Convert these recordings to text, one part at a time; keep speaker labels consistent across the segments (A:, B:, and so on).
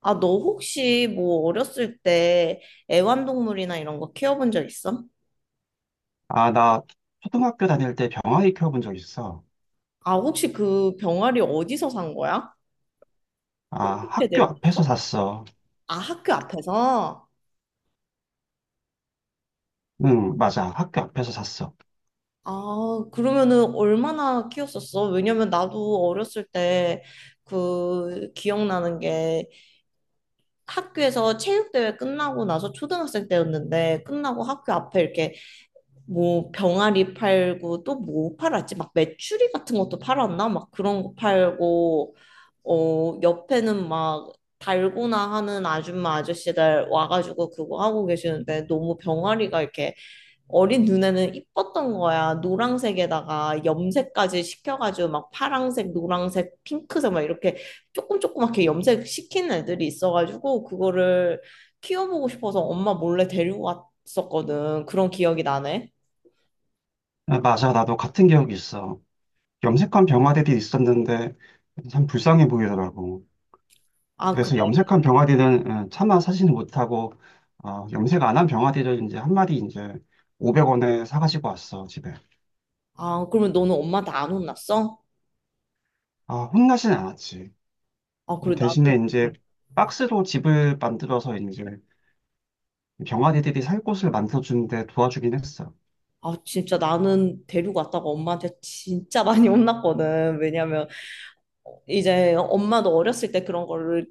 A: 아, 너 혹시 뭐 어렸을 때 애완동물이나 이런 거 키워본 적 있어?
B: 아, 나 초등학교 다닐 때 병아리 키워본 적 있어.
A: 아, 혹시 그 병아리 어디서 산 거야?
B: 아,
A: 어떻게
B: 학교
A: 데리고
B: 앞에서
A: 왔어?
B: 샀어.
A: 아, 학교 앞에서?
B: 응, 맞아. 학교 앞에서 샀어.
A: 아, 그러면은 얼마나 키웠었어? 왜냐면 나도 어렸을 때 그 기억나는 게 학교에서 체육대회 끝나고 나서 초등학생 때였는데 끝나고 학교 앞에 이렇게 뭐 병아리 팔고 또 뭐 팔았지? 막 메추리 같은 것도 팔았나? 막 그런 거 팔고 어 옆에는 막 달고나 하는 아줌마 아저씨들 와가지고 그거 하고 계시는데 너무 병아리가 이렇게 어린 눈에는 이뻤던 거야. 노란색에다가 염색까지 시켜가지고 막 파랑색, 노란색, 핑크색 막 이렇게 조금 조그맣게 염색 시킨 애들이 있어가지고 그거를 키워보고 싶어서 엄마 몰래 데리고 갔었거든. 그런 기억이 나네.
B: 아, 맞아. 나도 같은 기억이 있어. 염색한 병아리들이 있었는데 참 불쌍해 보이더라고.
A: 아, 그래.
B: 그래서 염색한 병아리는 차마 사지는 못하고 염색 안 한 병아리를 이제 한 마리 이제 500원에 사가지고 왔어, 집에.
A: 아, 그러면 너는 엄마한테 안 혼났어?
B: 아, 혼나진 않았지.
A: 아, 그래. 나는,
B: 대신에
A: 응.
B: 이제 박스로 집을 만들어서 이제 병아리들이 살 곳을 만들어주는데 도와주긴 했어.
A: 아, 진짜 나는 데리고 왔다가 엄마한테 진짜 많이 혼났거든. 왜냐면 이제 엄마도 어렸을 때 그런 거를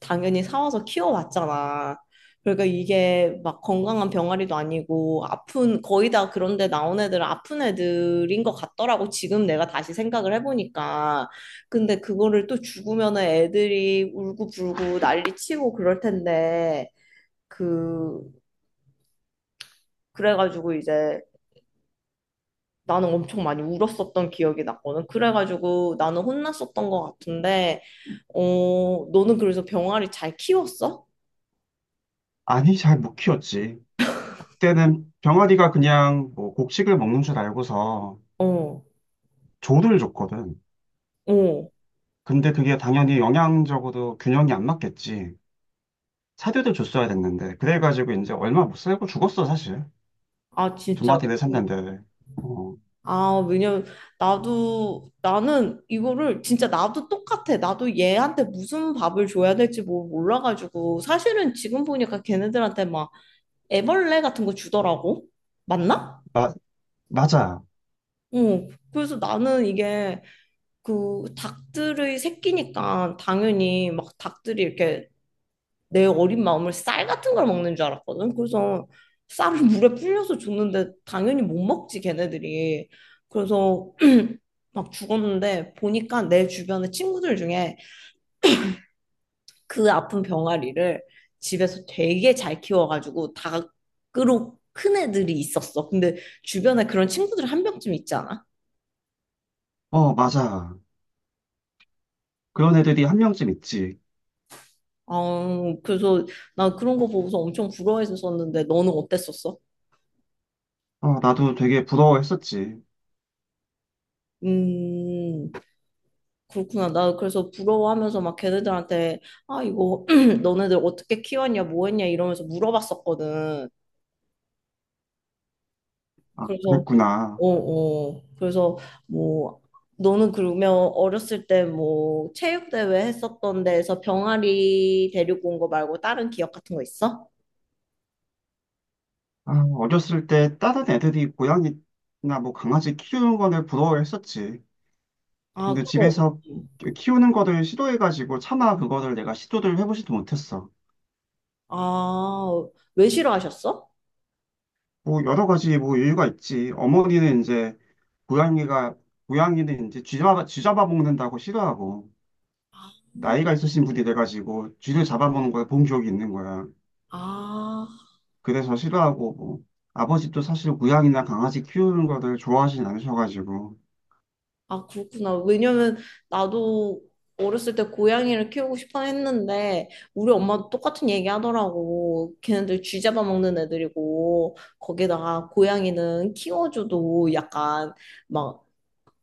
A: 당연히 사와서 키워왔잖아. 그러니까 이게 막 건강한 병아리도 아니고 아픈, 거의 다 그런데 나온 애들은 아픈 애들인 것 같더라고. 지금 내가 다시 생각을 해보니까. 근데 그거를 또 죽으면 애들이 울고 불고 난리 치고 그럴 텐데. 그 그래가지고 이제 나는 엄청 많이 울었었던 기억이 났거든. 그래가지고 나는 혼났었던 것 같은데, 어, 너는 그래서 병아리 잘 키웠어?
B: 아니, 잘 못 키웠지. 그때는 병아리가 그냥 뭐 곡식을 먹는 줄 알고서
A: 어,
B: 조를 줬거든.
A: 어.
B: 근데 그게 당연히 영양적으로 균형이 안 맞겠지. 사료도 줬어야 됐는데. 그래가지고 이제 얼마 못 살고 죽었어, 사실.
A: 아,
B: 두
A: 진짜.
B: 마리를 샀는데. 어,
A: 아, 왜냐면 나도 나는 이거를 진짜 나도 똑같아. 나도 얘한테 무슨 밥을 줘야 될지 뭐 몰라가지고 사실은 지금 보니까 걔네들한테 막 애벌레 같은 거 주더라고. 맞나?
B: 마, 맞아.
A: 어. 그래서 나는 이게 그 닭들의 새끼니까 당연히 막 닭들이 이렇게 내 어린 마음을 쌀 같은 걸 먹는 줄 알았거든. 그래서 쌀을 물에 불려서 줬는데 당연히 못 먹지 걔네들이. 그래서 막 죽었는데 보니까 내 주변의 친구들 중에 그 아픈 병아리를 집에서 되게 잘 키워가지고 닭으로 큰 애들이 있었어. 근데 주변에 그런 친구들 한 명쯤 있지 않아?
B: 어, 맞아. 그런 애들이 한 명쯤 있지.
A: 아, 그래서 나 그런 거 보고서 엄청 부러워했었는데 너는 어땠었어?
B: 어, 나도 되게 부러워했었지.
A: 음, 그렇구나. 나 그래서 부러워하면서 막 걔네들한테, 아, 이거, 너네들 어떻게 키웠냐, 뭐 했냐, 이러면서 물어봤었거든.
B: 아,
A: 그래서,
B: 그랬구나.
A: 어, 어. 그래서, 뭐, 너는 그러면 어렸을 때 뭐, 체육대회 했었던 데에서 병아리 데리고 온 거 말고 다른 기억 같은 거 있어?
B: 아, 어렸을 때 다른 애들이 고양이나 뭐 강아지 키우는 거를 부러워했었지.
A: 아,
B: 근데
A: 그거.
B: 집에서
A: 없지.
B: 키우는 거를 시도해가지고 차마 그거를 내가 시도를 해보지도 못했어.
A: 아, 왜 싫어하셨어?
B: 뭐 여러 가지 뭐 이유가 있지. 어머니는 이제 고양이가 고양이는 이제 쥐 잡아먹는다고 싫어하고 나이가 있으신 분이 돼가지고 쥐를 잡아먹는 걸 본 기억이 있는 거야.
A: 아,
B: 그래서 싫어하고 뭐 아버지도 사실 고양이나 강아지 키우는 거를 좋아하진 않으셔가지고.
A: 아, 그렇구나. 왜냐면 나도 어렸을 때 고양이를 키우고 싶어 했는데 우리 엄마도 똑같은 얘기 하더라고. 걔네들 쥐 잡아먹는 애들이고 거기다가 고양이는 키워줘도 약간 막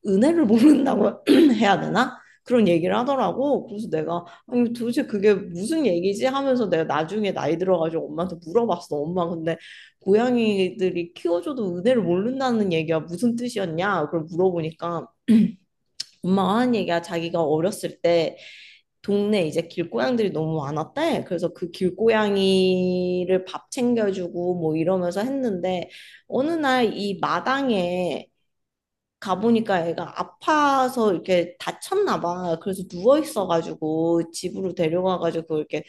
A: 은혜를 모른다고 해야 되나? 그런 얘기를 하더라고. 그래서 내가 아니 도대체 그게 무슨 얘기지? 하면서 내가 나중에 나이 들어가지고 엄마한테 물어봤어. 엄마 근데 고양이들이 키워줘도 은혜를 모른다는 얘기가 무슨 뜻이었냐? 그걸 물어보니까 엄마가 하는 얘기가 자기가 어렸을 때 동네 이제 길고양들이 너무 많았대. 그래서 그 길고양이를 밥 챙겨주고 뭐 이러면서 했는데 어느 날 이 마당에 가보니까 애가 아파서 이렇게 다쳤나 봐. 그래서 누워 있어가지고 집으로 데려가가지고 이렇게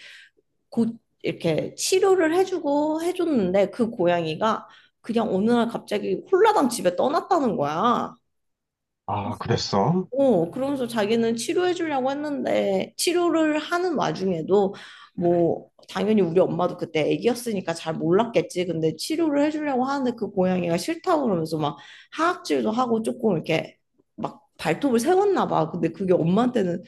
A: 곧 이렇게 치료를 해주고 해줬는데 그 고양이가 그냥 어느 날 갑자기 홀라당 집에 떠났다는 거야.
B: 아 그랬어?
A: 어, 그러면서 자기는 치료해 주려고 했는데 치료를 하는 와중에도 뭐 당연히 우리 엄마도 그때 아기였으니까 잘 몰랐겠지. 근데 치료를 해 주려고 하는데 그 고양이가 싫다고 그러면서 막 하악질도 하고 조금 이렇게 막 발톱을 세웠나 봐. 근데 그게 엄마한테는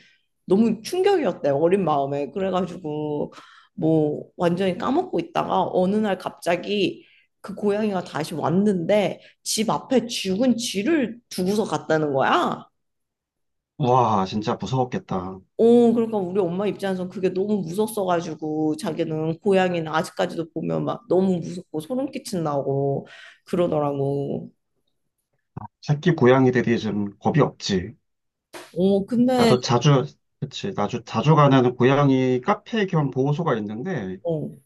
A: 너무 충격이었대. 어린 마음에. 그래가지고 뭐 완전히 까먹고 있다가 어느 날 갑자기 그 고양이가 다시 왔는데 집 앞에 죽은 쥐를 두고서 갔다는 거야.
B: 와 진짜 무서웠겠다.
A: 어, 그러니까 우리 엄마 입장에선 그게 너무 무섭어가지고 자기는 고양이는 아직까지도 보면 막 너무 무섭고 소름 끼친다고 그러더라고.
B: 새끼 고양이들이 좀 겁이 없지.
A: 어, 근데
B: 나도 자주, 그치, 나도 자주 가는 고양이 카페 겸 보호소가 있는데,
A: 어,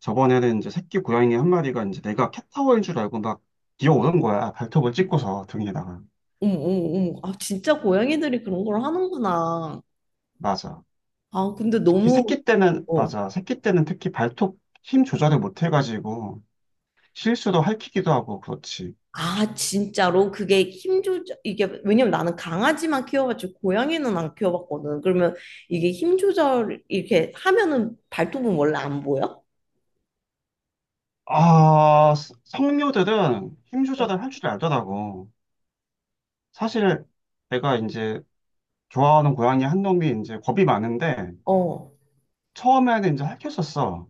B: 저번에는 이제 새끼 고양이 한 마리가 이제 내가 캣타워인 줄 알고 막 뛰어오는 거야. 발톱을 찍고서 등에다가.
A: 어머, 어머, 어머. 아, 진짜 고양이들이 그런 걸 하는구나.
B: 맞아.
A: 아, 근데
B: 특히
A: 너무
B: 새끼 때는,
A: 어.
B: 맞아. 새끼 때는 특히 발톱 힘 조절을 못 해가지고, 실수도 할퀴기도 하고, 그렇지.
A: 아, 진짜로 그게 힘 조절 이게 왜냐면 나는 강아지만 키워봤지 고양이는 안 키워봤거든. 그러면 이게 힘 조절 이렇게 하면은 발톱은 원래 안 보여?
B: 아, 성묘들은 힘
A: 어.
B: 조절을 할 줄 알더라고. 사실 내가 이제 좋아하는 고양이 한 놈이 이제 겁이 많은데,
A: 어.
B: 처음에는 이제 할퀴었었어.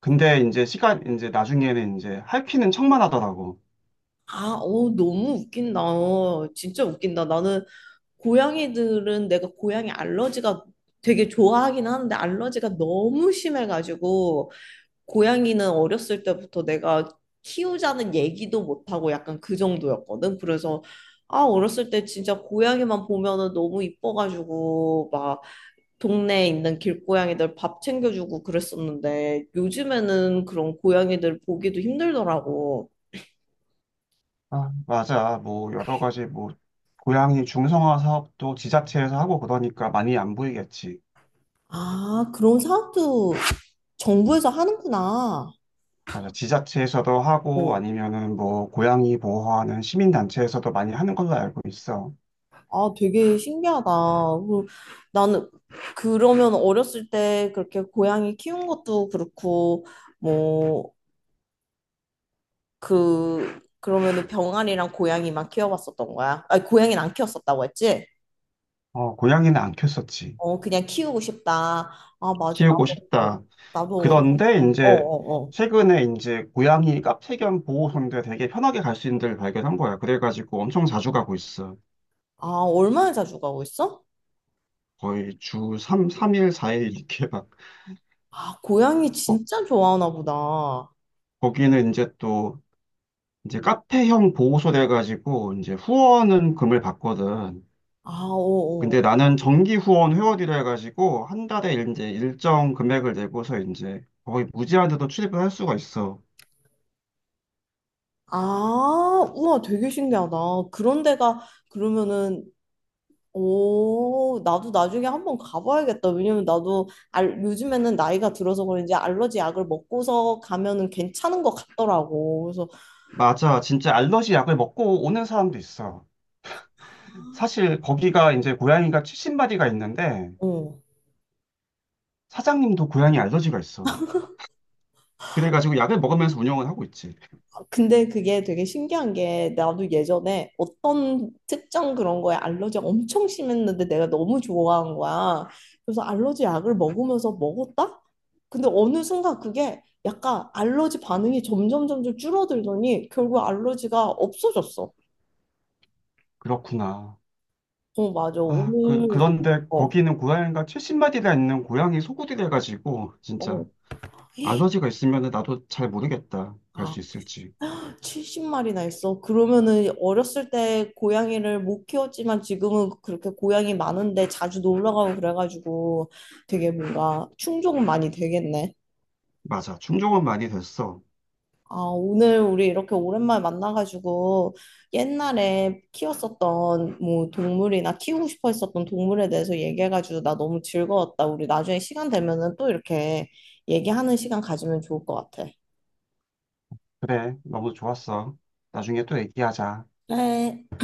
B: 근데 이제 이제 나중에는 이제 할퀴는 척만 하더라고.
A: 아, 어, 너무 웃긴다. 어, 진짜 웃긴다. 나는 고양이들은 내가 고양이 알러지가 되게 좋아하긴 하는데 알러지가 너무 심해가지고 고양이는 어렸을 때부터 내가 키우자는 얘기도 못하고 약간 그 정도였거든. 그래서 아, 어렸을 때 진짜 고양이만 보면은 너무 이뻐가지고 막 동네에 있는 길고양이들 밥 챙겨주고 그랬었는데 요즘에는 그런 고양이들 보기도 힘들더라고.
B: 아, 맞아. 뭐 여러 가지 뭐 고양이 중성화 사업도 지자체에서 하고 그러니까 많이 안 보이겠지.
A: 아, 그런 사업도 정부에서 하는구나.
B: 맞아. 지자체에서도 하고
A: 어.
B: 아니면은 뭐 고양이 보호하는 시민단체에서도 많이 하는 걸로 알고 있어.
A: 아, 되게 신기하다. 그, 나는 그러면 어렸을 때 그렇게 고양이 키운 것도 그렇고, 뭐, 그, 그러면은 병아리랑 고양이만 키워봤었던 거야. 아니, 고양이는 안 키웠었다고 했지?
B: 어, 고양이는 안 키웠었지.
A: 어, 그냥 키우고 싶다. 아, 맞아.
B: 키우고
A: 나도, 어,
B: 싶다.
A: 나도 어렸을
B: 그런데
A: 때. 어,
B: 이제
A: 어, 어.
B: 최근에 이제 고양이 카페 겸 보호소인데 되게 편하게 갈 수 있는 데를 발견한 거야. 그래가지고 엄청 자주 가고 있어.
A: 아, 얼마나 자주 가고 있어?
B: 거의 주 3, 삼일사일 이렇게 막,
A: 아, 고양이
B: 거-
A: 진짜 좋아하나 보다.
B: 거기는 이제 또, 이제 카페형 보호소 돼가지고, 이제 후원은 금을 받거든.
A: 아, 어, 어.
B: 근데 나는 정기 후원 회원이라 해가지고, 한 달에 이제 일정 금액을 내고서 이제 거의 무제한으로 출입을 할 수가 있어.
A: 아, 우와, 되게 신기하다. 그런 데가 그러면은 오, 나도 나중에 한번 가봐야겠다. 왜냐면 나도 알, 요즘에는 나이가 들어서 그런지 알러지 약을 먹고서 가면은 괜찮은 것 같더라고. 그래서
B: 맞아. 진짜 알러지 약을 먹고 오는 사람도 있어. 사실 거기가 이제 고양이가 70마리가 있는데,
A: 어.
B: 사장님도 고양이 알러지가 있어. 그래가지고 약을 먹으면서 운영을 하고 있지.
A: 근데 그게 되게 신기한 게 나도 예전에 어떤 특정 그런 거에 알러지가 엄청 심했는데 내가 너무 좋아한 거야. 그래서 알러지 약을 먹으면서 먹었다? 근데 어느 순간 그게 약간 알러지 반응이 점점 점점 줄어들더니 결국 알러지가 없어졌어.
B: 그렇구나.
A: 어, 맞아.
B: 아,
A: 오늘
B: 그런데
A: 어,
B: 거기는 고양이가 70마리나 있는 고양이 소구이라가지고
A: 어.
B: 진짜, 알러지가 있으면 나도 잘 모르겠다. 갈 수
A: 아,
B: 있을지.
A: 70마리나 있어. 그러면은 어렸을 때 고양이를 못 키웠지만 지금은 그렇게 고양이 많은데 자주 놀러 가고 그래가지고 되게 뭔가 충족은 많이 되겠네.
B: 맞아. 충족은 많이 됐어.
A: 아, 오늘 우리 이렇게 오랜만에 만나가지고 옛날에 키웠었던 뭐 동물이나 키우고 싶어 했었던 동물에 대해서 얘기해가지고 나 너무 즐거웠다. 우리 나중에 시간 되면은 또 이렇게 얘기하는 시간 가지면 좋을 것 같아.
B: 그래, 너무 좋았어. 나중에 또 얘기하자.
A: 그래.